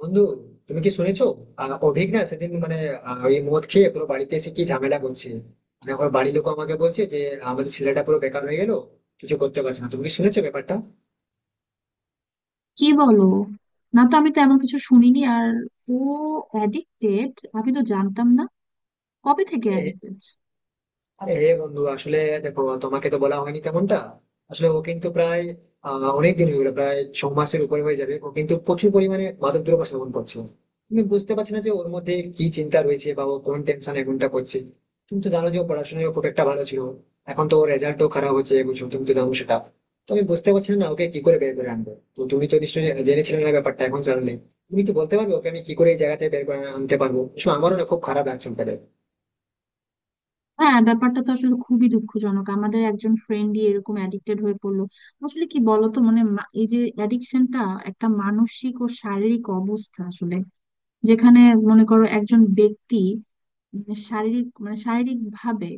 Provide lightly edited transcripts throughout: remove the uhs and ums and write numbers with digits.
বন্ধু, তুমি কি শুনেছো? অভিক না সেদিন মানে ওই মদ খেয়ে পুরো বাড়িতে এসে কি ঝামেলা করছে। মানে ওর বাড়ির লোক আমাকে বলছে যে আমাদের ছেলেটা পুরো বেকার হয়ে গেল, কিছু করতে পারছে না। তুমি কি শুনেছো ব্যাপারটা? কি বলো? না তো, আমি তো এমন কিছু শুনিনি। আর ও অ্যাডিক্টেড? আমি তো জানতাম না। কবে থেকে অ্যাডিক্টেড? আরে বন্ধু, আসলে দেখো, তোমাকে তো বলা হয়নি তেমনটা। আসলে ও কিন্তু প্রায় অনেক দিন হয়ে গেল, প্রায় 6 মাসের উপরে হয়ে যাবে ও কিন্তু প্রচুর পরিমাণে মাদক দ্রব্য সেবন করছে। তুমি বুঝতে পারছি না যে ওর মধ্যে কি চিন্তা রয়েছে বা ও কোন টেনশন এখনটা করছে। তুমি তো জানো যে ও পড়াশোনায় ও খুব একটা ভালো ছিল, এখন তো ওর রেজাল্টও খারাপ হচ্ছে, বুঝছো, তুমি তো জানো সেটা। তো আমি বুঝতে পারছি না ওকে কি করে বের করে আনবো। তো তুমি তো নিশ্চয়ই জেনেছিলে না ব্যাপারটা, এখন জানলে তুমি কি বলতে পারবে ওকে আমি কি করে এই জায়গা থেকে বের করে আনতে পারবো? আসলে আমারও না খুব খারাপ লাগছে ওকে দেখে। হ্যাঁ, ব্যাপারটা তো আসলে খুবই দুঃখজনক। আমাদের একজন ফ্রেন্ডই এরকম অ্যাডিক্টেড হয়ে পড়লো। আসলে কি বলতো, মানে এই যে অ্যাডিকশনটা একটা মানসিক ও শারীরিক অবস্থা আসলে, যেখানে মনে করো একজন ব্যক্তি শারীরিক মানে শারীরিক ভাবে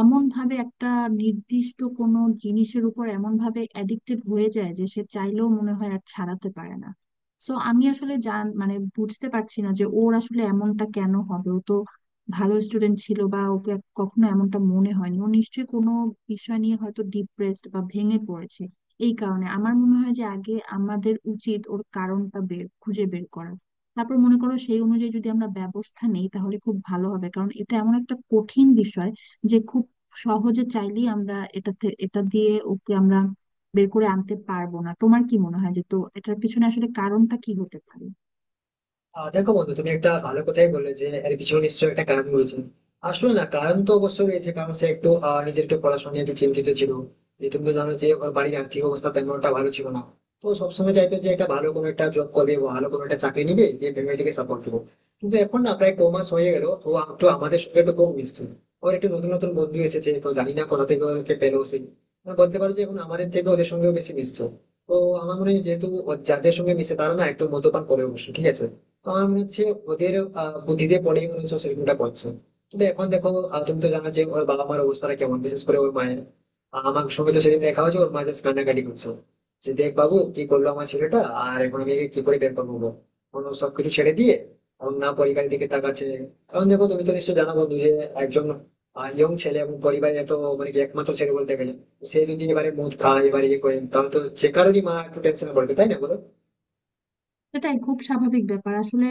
অমন ভাবে একটা নির্দিষ্ট কোনো জিনিসের উপর এমন ভাবে অ্যাডিক্টেড হয়ে যায় যে সে চাইলেও মনে হয় আর ছাড়াতে পারে না। সো আমি আসলে মানে বুঝতে পারছি না যে ওর আসলে এমনটা কেন হবে। ও তো ভালো স্টুডেন্ট ছিল, বা ওকে কখনো এমনটা মনে হয়নি। ও নিশ্চয়ই কোনো বিষয় নিয়ে হয়তো ডিপ্রেসড বা ভেঙে পড়েছে। এই কারণে আমার মনে হয় যে আগে আমাদের উচিত ওর কারণটা খুঁজে বের করা। তারপর মনে করো সেই অনুযায়ী যদি আমরা ব্যবস্থা নেই তাহলে খুব ভালো হবে, কারণ এটা এমন একটা কঠিন বিষয় যে খুব সহজে চাইলেই আমরা এটা দিয়ে ওকে আমরা বের করে আনতে পারবো না। তোমার কি মনে হয় যে তো এটার পিছনে আসলে কারণটা কি হতে পারে? দেখো বন্ধু, তুমি একটা ভালো কথাই বললে যে এর পিছনে নিশ্চয়ই একটা কারণ রয়েছে। আসলে না, কারণ তো অবশ্যই রয়েছে, কারণ সে একটু নিজের একটু পড়াশোনা নিয়ে একটু চিন্তিত ছিল, যে তুমি তো জানো যে ওর বাড়ির আর্থিক অবস্থা তেমন একটা ভালো ছিল না। তো সবসময় চাইতো যে একটা ভালো কোনো একটা জব করবে, ভালো কোনো একটা চাকরি নিবে, দিয়ে ফ্যামিলিকে সাপোর্ট দেবো। কিন্তু এখন না প্রায় ক মাস হয়ে গেল, ও একটু আমাদের সঙ্গে একটু কম মিশছে। ওর একটু নতুন নতুন বন্ধু এসেছে, তো জানি না কোথা থেকে ওকে পেলো সে। মানে বলতে পারো যে এখন আমাদের থেকে ওদের সঙ্গেও বেশি মিশছে। তো আমার মনে হয় যেহেতু ও যাদের সঙ্গে মিশে তারা না একটু মদ্যপান করে, অবশ্য ঠিক আছে। তো আমি হচ্ছে ওদের বুদ্ধিতে পড়েই মনে হচ্ছে ও সেরকমটা করছে। তবে এখন দেখো, তুমি তো জানো যে ওর বাবা মার অবস্থাটা কেমন, বিশেষ করে ওর মায়ের। আমার সঙ্গে তো সেদিন দেখা হয়েছে, ওর মা জাস্ট কান্নাকাটি করছে যে, "দেখ বাবু, কি করলো আমার ছেলেটা, আর এখন আমি একে কি করে বের করবো বল?" অন্য সবকিছু ছেড়ে দিয়ে ওর না পরিবারের দিকে তাকাচ্ছে। কারণ দেখো, তুমি তো নিশ্চয়ই জানো বন্ধু যে একজন ইয়ং ছেলে এবং পরিবারের এত, মানে কি, একমাত্র ছেলে বলতে গেলে। তো সে যদি এবারে মদ খায়, এবারে ইয়ে করে, তাহলে তো যে কারোরই মা একটু টেনশনে পড়বে, তাই না, বলো? সেটাই খুব স্বাভাবিক ব্যাপার আসলে।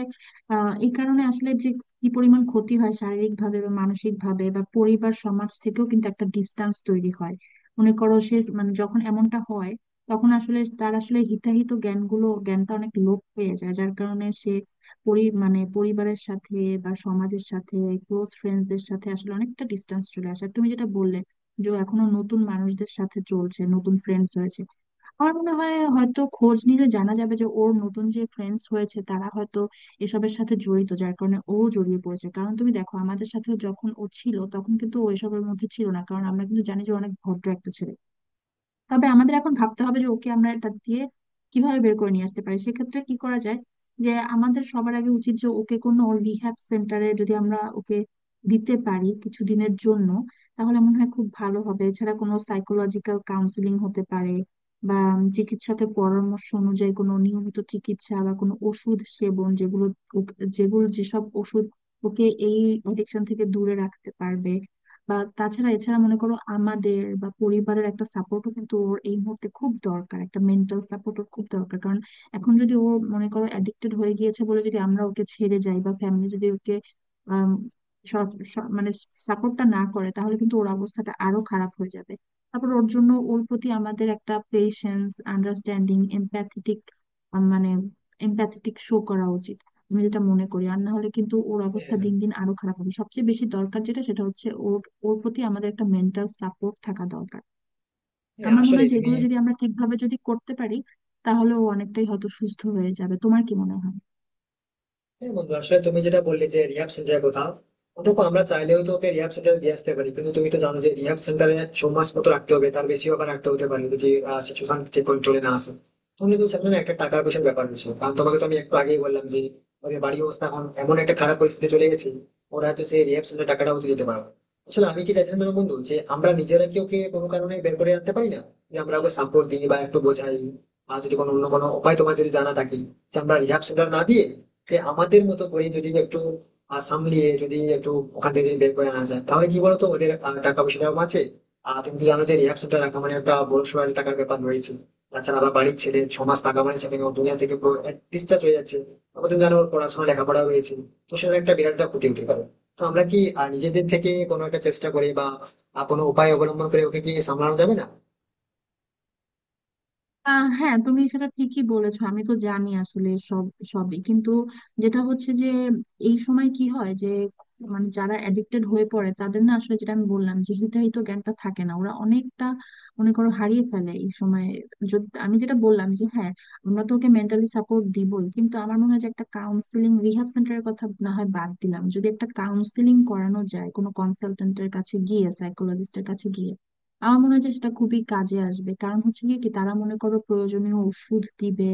আহ, এই কারণে আসলে যে কি পরিমাণ ক্ষতি হয় শারীরিক ভাবে বা মানসিক ভাবে, বা পরিবার সমাজ থেকেও কিন্তু একটা ডিস্টেন্স তৈরি হয়। মনে করো সে মানে যখন এমনটা হয় তখন আসলে তার আসলে হিতাহিত জ্ঞানটা অনেক লোপ হয়ে যায়, যার কারণে সে পরিবারের সাথে বা সমাজের সাথে ক্লোজ ফ্রেন্ডসদের সাথে আসলে অনেকটা ডিস্টেন্স চলে আসে। আর তুমি যেটা বললে যে ও এখনো নতুন মানুষদের সাথে চলছে, নতুন ফ্রেন্ডস হয়েছে। আমার মনে হয় হয়তো খোঁজ নিলে জানা যাবে যে ওর নতুন যে ফ্রেন্ডস হয়েছে তারা হয়তো এসবের সাথে জড়িত, যার কারণে ও জড়িয়ে পড়েছে। কারণ তুমি দেখো, আমাদের সাথে যখন ও ছিল তখন কিন্তু ও এসবের মধ্যে ছিল না, কারণ আমরা কিন্তু জানি যে ও অনেক ভদ্র একটা ছেলে। তবে আমাদের এখন ভাবতে হবে যে ওকে আমরা এটা দিয়ে কিভাবে বের করে নিয়ে আসতে পারি। সেক্ষেত্রে কি করা যায়, যে আমাদের সবার আগে উচিত যে ওকে কোনো রিহ্যাব সেন্টারে যদি আমরা ওকে দিতে পারি কিছুদিনের জন্য তাহলে মনে হয় খুব ভালো হবে। এছাড়া কোনো সাইকোলজিক্যাল কাউন্সিলিং হতে পারে, বা চিকিৎসকের পরামর্শ অনুযায়ী কোনো নিয়মিত চিকিৎসা বা কোনো ওষুধ সেবন, যেগুলো যেগুলো যেসব ওষুধ ওকে এই অ্যাডিকশন থেকে দূরে রাখতে পারবে। বা তাছাড়া এছাড়া মনে করো আমাদের বা পরিবারের একটা সাপোর্টও কিন্তু ওর এই মুহূর্তে খুব দরকার। একটা মেন্টাল সাপোর্ট ওর খুব দরকার, কারণ এখন যদি ও মনে করো অ্যাডিক্টেড হয়ে গিয়েছে বলে যদি আমরা ওকে ছেড়ে যাই বা ফ্যামিলি যদি ওকে আম, মানে সাপোর্টটা না করে তাহলে কিন্তু ওর অবস্থাটা আরো খারাপ হয়ে যাবে। তারপর ওর জন্য, ওর প্রতি আমাদের একটা পেশেন্স, আন্ডারস্ট্যান্ডিং, এমপ্যাথেটিক মানে এমপ্যাথেটিক শো করা উচিত, আমি যেটা মনে করি। আর না হলে কিন্তু ওর অবস্থা হ্যাঁ। দিন দিন আরো খারাপ হবে। সবচেয়ে বেশি দরকার যেটা সেটা হচ্ছে ওর, ওর প্রতি আমাদের একটা মেন্টাল সাপোর্ট থাকা দরকার। হ্যাঁ, আমার মনে আসলে হয় যে তুমি। এগুলো যদি আমরা ঠিকভাবে যদি করতে পারি তাহলে ও অনেকটাই হয়তো সুস্থ হয়ে যাবে। তোমার কি মনে হয়? হ্যাঁ বন্ধু, আসলে তুমি যেটা বললে যে রিহাব সেন্টারের কথা, দেখো, আমরা চাইলেও তো ওকে রিহাব সেন্টারে দিয়ে আসতে পারি, কিন্তু তুমি তো জানো যে রিহাব সেন্টারে 6 মাস মতো রাখতে হবে, তার বেশিও আবার রাখতে হতে পারে যদি সিচুয়েশন ঠিক কন্ট্রোলে না আসে। তাহলে তো সেখানে না একটা টাকার পয়সার ব্যাপার রয়েছে, কারণ তোমাকে তো আমি একটু আগেই বললাম যে ওদের বাড়ির অবস্থা এখন এমন একটা খারাপ পরিস্থিতি চলে গেছে, ওরা হয়তো সেই রিহাব সেন্টার টাকাটা ওদের দিতে পারবে না। আসলে আমি কি চাইছিলাম জানো বন্ধু, যে আমরা নিজেরা কি ওকে কোনো কারণে বের করে আনতে পারি না, যে আমরা ওকে সাপোর্ট দিই বা একটু বোঝাই। আর যদি কোনো অন্য কোনো উপায় তোমার যদি জানা থাকে, যে আমরা রিহাব সেন্টার না দিয়ে, যে আমাদের মতো করে যদি একটু সামলিয়ে যদি একটু ওখান থেকে বের করে আনা যায়, তাহলে কি বলতো, ওদের টাকা পয়সাটাও বাঁচে। আর তুমি তো জানো যে রিহাব সেন্টার রাখা মানে একটা বড় সড় একটা টাকার ব্যাপার রয়েছে। তাছাড়া আবার বাড়ির ছেলে 6 মাস থাকা মানে সেখানে ও দুনিয়া থেকে ডিসচার্জ হয়ে যাচ্ছে। আবার তুমি জানো ওর পড়াশোনা লেখাপড়া রয়েছে, তো সেটা একটা বিরাট একটা ক্ষতি হতে পারে। তো আমরা কি নিজেদের থেকে কোনো একটা চেষ্টা করে বা কোনো উপায় অবলম্বন করে ওকে কি সামলানো যাবে না? আহ, হ্যাঁ তুমি সেটা ঠিকই বলেছো। আমি তো জানি আসলে সবই কিন্তু, যেটা হচ্ছে যে এই সময় কি হয় যে, মানে যারা এডিক্টেড হয়ে পড়ে তাদের না আসলে, যেটা আমি বললাম যে হিতাহিত জ্ঞানটা থাকে না। ওরা অনেকটা মনে করো হারিয়ে ফেলে এই সময়। যদি আমি যেটা বললাম যে হ্যাঁ আমরা তো ওকে মেন্টালি সাপোর্ট দিবই, কিন্তু আমার মনে হয় যে একটা কাউন্সিলিং, রিহ্যাব সেন্টারের কথা না হয় বাদ দিলাম, যদি একটা কাউন্সিলিং করানো যায় কোনো কনসালটেন্টের কাছে গিয়ে, সাইকোলজিস্টের কাছে গিয়ে, আমার মনে হয় যে সেটা খুবই কাজে আসবে। কারণ হচ্ছে গিয়ে কি, তারা মনে করো প্রয়োজনীয় ওষুধ দিবে,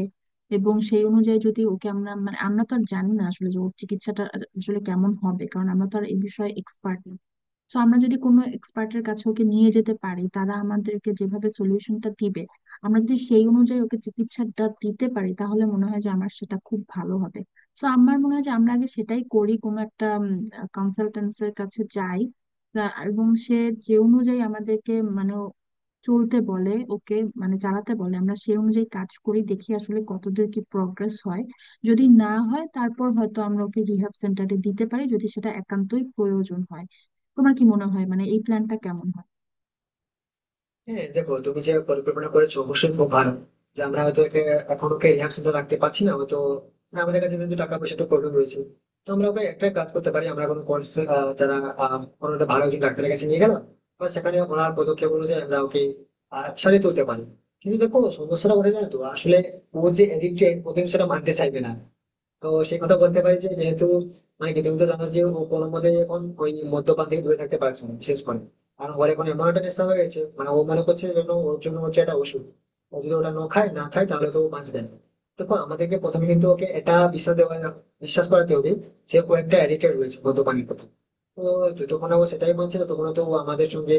এবং সেই অনুযায়ী যদি ওকে আমরা মানে, আমরা তো আর জানি না আসলে যে ওর চিকিৎসাটা আসলে কেমন হবে, কারণ আমরা তো আর এই বিষয়ে এক্সপার্ট। তো আমরা যদি কোনো এক্সপার্টের কাছে ওকে নিয়ে যেতে পারি, তারা আমাদেরকে যেভাবে সলিউশনটা দিবে, আমরা যদি সেই অনুযায়ী ওকে চিকিৎসাটা দিতে পারি, তাহলে মনে হয় যে আমার সেটা খুব ভালো হবে। তো আমার মনে হয় যে আমরা আগে সেটাই করি, কোনো একটা কনসালটেন্সের কাছে যাই। এবং সে যে অনুযায়ী আমাদেরকে মানে চলতে বলে ওকে মানে চালাতে বলে, আমরা সেই অনুযায়ী কাজ করি। দেখি আসলে কতদূর কি প্রগ্রেস হয়। যদি না হয় তারপর হয়তো আমরা ওকে রিহ্যাব সেন্টারে দিতে পারি যদি সেটা একান্তই প্রয়োজন হয়। তোমার কি মনে হয়, মানে এই প্ল্যানটা কেমন হয়? হ্যাঁ দেখো, তুমি যে পরিকল্পনা করেছো অবশ্যই খুব ভালো, যে আমরা হয়তো একে এখন ওকে রিহাব সেন্টার রাখতে পারছি না হয়তো, না, আমাদের কাছে যেহেতু টাকা পয়সা একটু প্রবলেম রয়েছে। তো আমরা ওকে একটা কাজ করতে পারি, আমরা কোনো কোর্স, যারা কোনো একটা ভালো একজন ডাক্তারের কাছে নিয়ে গেলাম, বা সেখানে ওনার পদক্ষেপ অনুযায়ী আমরা ওকে সারিয়ে তুলতে পারি। কিন্তু দেখো সমস্যাটা কোথায় জানো তো, আসলে ও যে এডিক্টেড, ও কিন্তু সেটা মানতে চাইবে না। তো সেই কথা বলতে পারি যে যেহেতু, মানে কি, তুমি তো জানো যে ও কোনোমতে এখন ওই মদ্যপান থেকে দূরে থাকতে পারছে না, বিশেষ করে। কারণ ওর এখন এমন একটা নেশা হয়ে গেছে, মানে ও মনে করছে যেন ওর জন্য হচ্ছে একটা ওষুধ। ও যদি ওটা না খায় না খায় তাহলে তো ও বাঁচবে না। দেখো, আমাদেরকে প্রথমে কিন্তু ওকে এটা বিশ্বাস দেওয়া, বিশ্বাস করাতে হবে যে ও একটা অ্যাডিক্টেড রয়েছে মদ্যপানের প্রতি। তো যতক্ষণ না ও সেটাই মানছে, ততক্ষণ তো ও আমাদের সঙ্গে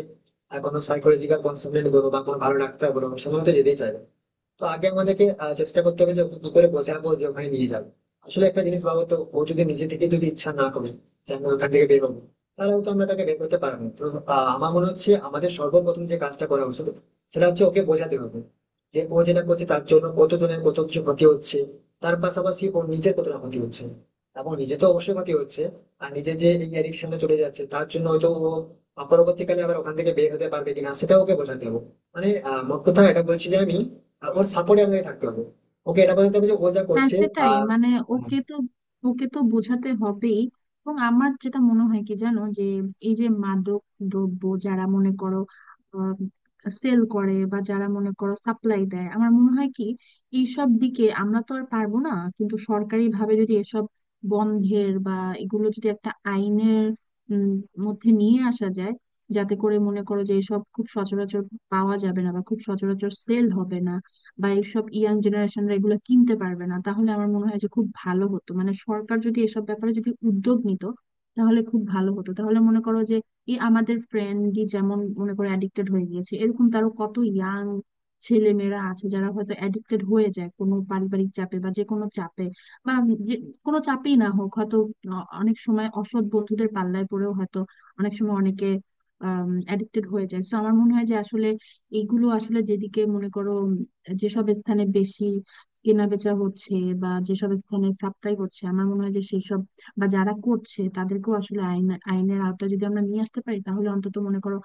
কোনো সাইকোলজিক্যাল কনসালটেন্ট বলো বা কোনো ভালো ডাক্তার বলো, সেগুলো তো যেতেই চাইবে। তো আগে আমাদেরকে চেষ্টা করতে হবে যে ওকে কি করে বোঝাবো, যে ওখানে নিয়ে যাবো। আসলে একটা জিনিস ভাবো তো, ও যদি নিজে থেকে যদি ইচ্ছা না করে যে আমি ওখান থেকে বেরোবো, তাহলে তো আমরা তাকে বের করতে পারবো না। তো আমার মনে হচ্ছে আমাদের সর্বপ্রথম যে কাজটা করা উচিত সেটা হচ্ছে ওকে বোঝাতে হবে যে ও যেটা করছে তার জন্য কতজনের কত কিছু ক্ষতি হচ্ছে, তার পাশাপাশি ও নিজের কতটা ক্ষতি হচ্ছে। এবং নিজে তো অবশ্যই ক্ষতি হচ্ছে। আর নিজে যে এই অ্যাডিকশনে চলে যাচ্ছে, তার জন্য হয়তো ও পরবর্তীকালে আবার ওখান থেকে বের হতে পারবে কিনা, সেটা ওকে বোঝাতে হবে। মানে মোট কথা এটা বলছি যে আমি ওর সাপোর্টে আমাকে থাকতে হবে। ওকে এটা বলতে হবে যে ও যা হ্যাঁ করছে। সেটাই আহ মানে, ওকে তো ওকে তো বোঝাতে হবেই। এবং আমার যেটা মনে হয় কি জানো, যে এই যে মাদক দ্রব্য যারা মনে করো সেল করে বা যারা মনে করো সাপ্লাই দেয়, আমার মনে হয় কি এইসব দিকে আমরা তো আর পারবো না। কিন্তু সরকারি ভাবে যদি এসব বন্ধের বা এগুলো যদি একটা আইনের উম, মধ্যে নিয়ে আসা যায়, যাতে করে মনে করো যে এসব খুব সচরাচর পাওয়া যাবে না বা খুব সচরাচর সেল হবে না, বা এইসব ইয়াং জেনারেশনরা এগুলো কিনতে পারবে না, তাহলে আমার মনে হয় যে খুব ভালো হতো। মানে সরকার যদি এসব ব্যাপারে যদি উদ্যোগ নিত তাহলে খুব ভালো হতো। তাহলে মনে করো যে এই আমাদের ফ্রেন্ডই যেমন মনে করো অ্যাডিক্টেড হয়ে গিয়েছে, এরকম তারও কত ইয়াং ছেলে মেয়েরা আছে যারা হয়তো অ্যাডিক্টেড হয়ে যায় কোনো পারিবারিক চাপে বা যে কোনো চাপে, বা যে কোনো চাপেই না হোক, হয়তো অনেক সময় অসৎ বন্ধুদের পাল্লায় পড়েও হয়তো অনেক সময় অনেকে অ্যাডিক্টেড হয়ে যায়। তো আমার মনে হয় যে আসলে এইগুলো আসলে যেদিকে মনে করো, যেসব স্থানে বেশি কেনা বেচা হচ্ছে বা যেসব স্থানে সাপ্লাই হচ্ছে, আমার মনে হয় যে সেসব বা যারা করছে তাদেরকেও আসলে আইনের আওতায় যদি আমরা নিয়ে আসতে পারি তাহলে অন্তত মনে করো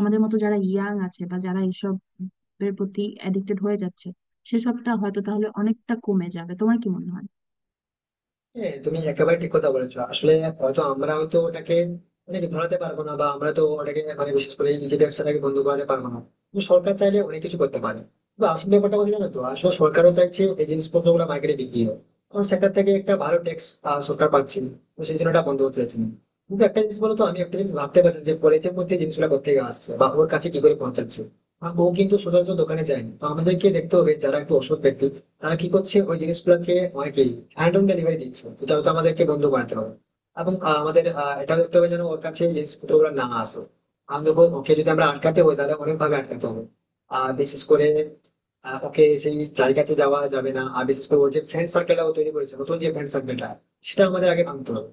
আমাদের মতো যারা ইয়াং আছে বা যারা এইসব এর প্রতি অ্যাডিক্টেড হয়ে যাচ্ছে, সেসবটা হয়তো তাহলে অনেকটা কমে যাবে। তোমার কি মনে হয়? হ্যাঁ, তুমি একেবারে ঠিক কথা বলেছো আসলে। হয়তো আমরা হয়তো ওটাকে, মানে কি, ধরাতে পারবো না, বা আমরা তো ওটাকে, মানে, বিশেষ করে এই যে ব্যবসাটাকে বন্ধ করাতে পারবো না। কিন্তু সরকার চাইলে অনেক কিছু করতে পারে। বা আসল ব্যাপারটা, কথা জানো তো আসলে, সরকারও চাইছে এই জিনিসপত্র গুলো মার্কেটে বিক্রি হোক, কারণ সেখান থেকে একটা ভালো ট্যাক্স সরকার পাচ্ছে। তো সেই জন্য ওটা বন্ধ করতে চাইছে না। কিন্তু একটা জিনিস বলো তো, আমি একটা জিনিস ভাবতে পারছি না যে কলেজের মধ্যে জিনিসগুলো কোথা থেকে আসছে বা ওর কাছে কি করে পৌঁছাচ্ছে। আর ও কিন্তু সচরাচর দোকানে যায়নি, তো আমাদেরকে দেখতে হবে যারা একটু অসৎ ব্যক্তি, তারা কি করছে ওই জিনিসগুলোকে, অনেকেই হ্যান্ড অন ডেলিভারি দিচ্ছে। তো এটা তো আমাদেরকে বন্ধ বানাতে হবে। এবং আমাদের এটাও দেখতে হবে যেন ওর কাছে এই জিনিসপত্রগুলো না আসে। আমি দেখবো, ওকে যদি আমরা আটকাতে হয় তাহলে অনেকভাবে আটকাতে হবে। আর বিশেষ করে ওকে সেই জায়গাতে যাওয়া যাবে না। আর বিশেষ করে ওর যে ফ্রেন্ড সার্কেলটা ও তৈরি করেছে, নতুন যে ফ্রেন্ড সার্কেলটা, সেটা আমাদের আগে ভাঙতে হবে।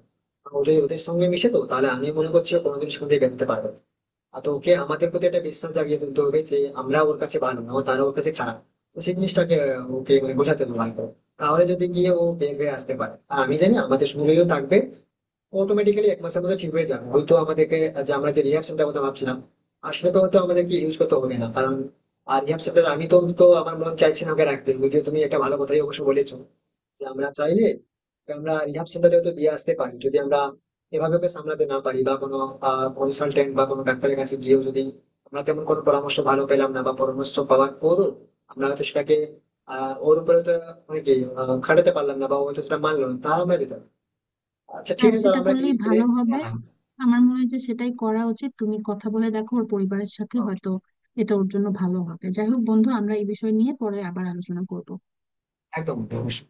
ও যদি ওদের সঙ্গে মিশে তো তাহলে আমি মনে করছি ও কোনোদিন সেখান থেকে বেরোতে পারবে না। আর তো ওকে আমাদের প্রতি একটা বিশ্বাস জাগিয়ে তুলতে হবে যে আমরা ওর কাছে ভালো, না তারা ওর কাছে খারাপ। তো সেই জিনিসটাকে ওকে মানে বোঝাতে হবে ভালো করে। তাহলে যদি গিয়ে ও বের হয়ে আসতে পারে, আর আমি জানি আমাদের সুযোগও থাকবে, অটোমেটিক্যালি এক মাসের মধ্যে ঠিক হয়ে যাবে হয়তো। আমাদেরকে যে আমরা যে রিহ্যাব সেন্টার কথা ভাবছিলাম, আর সেটা তো হয়তো আমাদেরকে ইউজ করতে হবে না কারণ, আর রিহ্যাব সেন্টার, আমি তো তো আমার মন চাইছে না ওকে রাখতে, যদিও তুমি একটা ভালো কথাই অবশ্য বলেছো যে আমরা চাইলে ওকে আমরা রিহাব সেন্টারেও তো দিয়ে আসতে পারি, যদি আমরা এভাবে ওকে সামলাতে না পারি, বা কোনো কনসালটেন্ট বা কোনো ডাক্তারের কাছে গিয়েও যদি আমরা তেমন কোনো পরামর্শ ভালো পেলাম না, বা পরামর্শ পাওয়ার পরও আমরা হয়তো সেটাকে ওর উপরে তো, মানে কি, খাটাতে পারলাম না, বা ও হয়তো সেটা মানলো না, তাহলে আমরা দিতাম। আচ্ছা, ঠিক হ্যাঁ আছে, তাহলে সেটা আমরা এই করলেই প্লে... ভালো হবে। একদম। আমার মনে হয় যে সেটাই করা উচিত। তুমি কথা বলে দেখো ওর পরিবারের সাথে, হয়তো এটা ওর জন্য ভালো হবে। যাই হোক বন্ধু, আমরা এই বিষয় নিয়ে পরে আবার আলোচনা করব। একদম, অবশ্যই।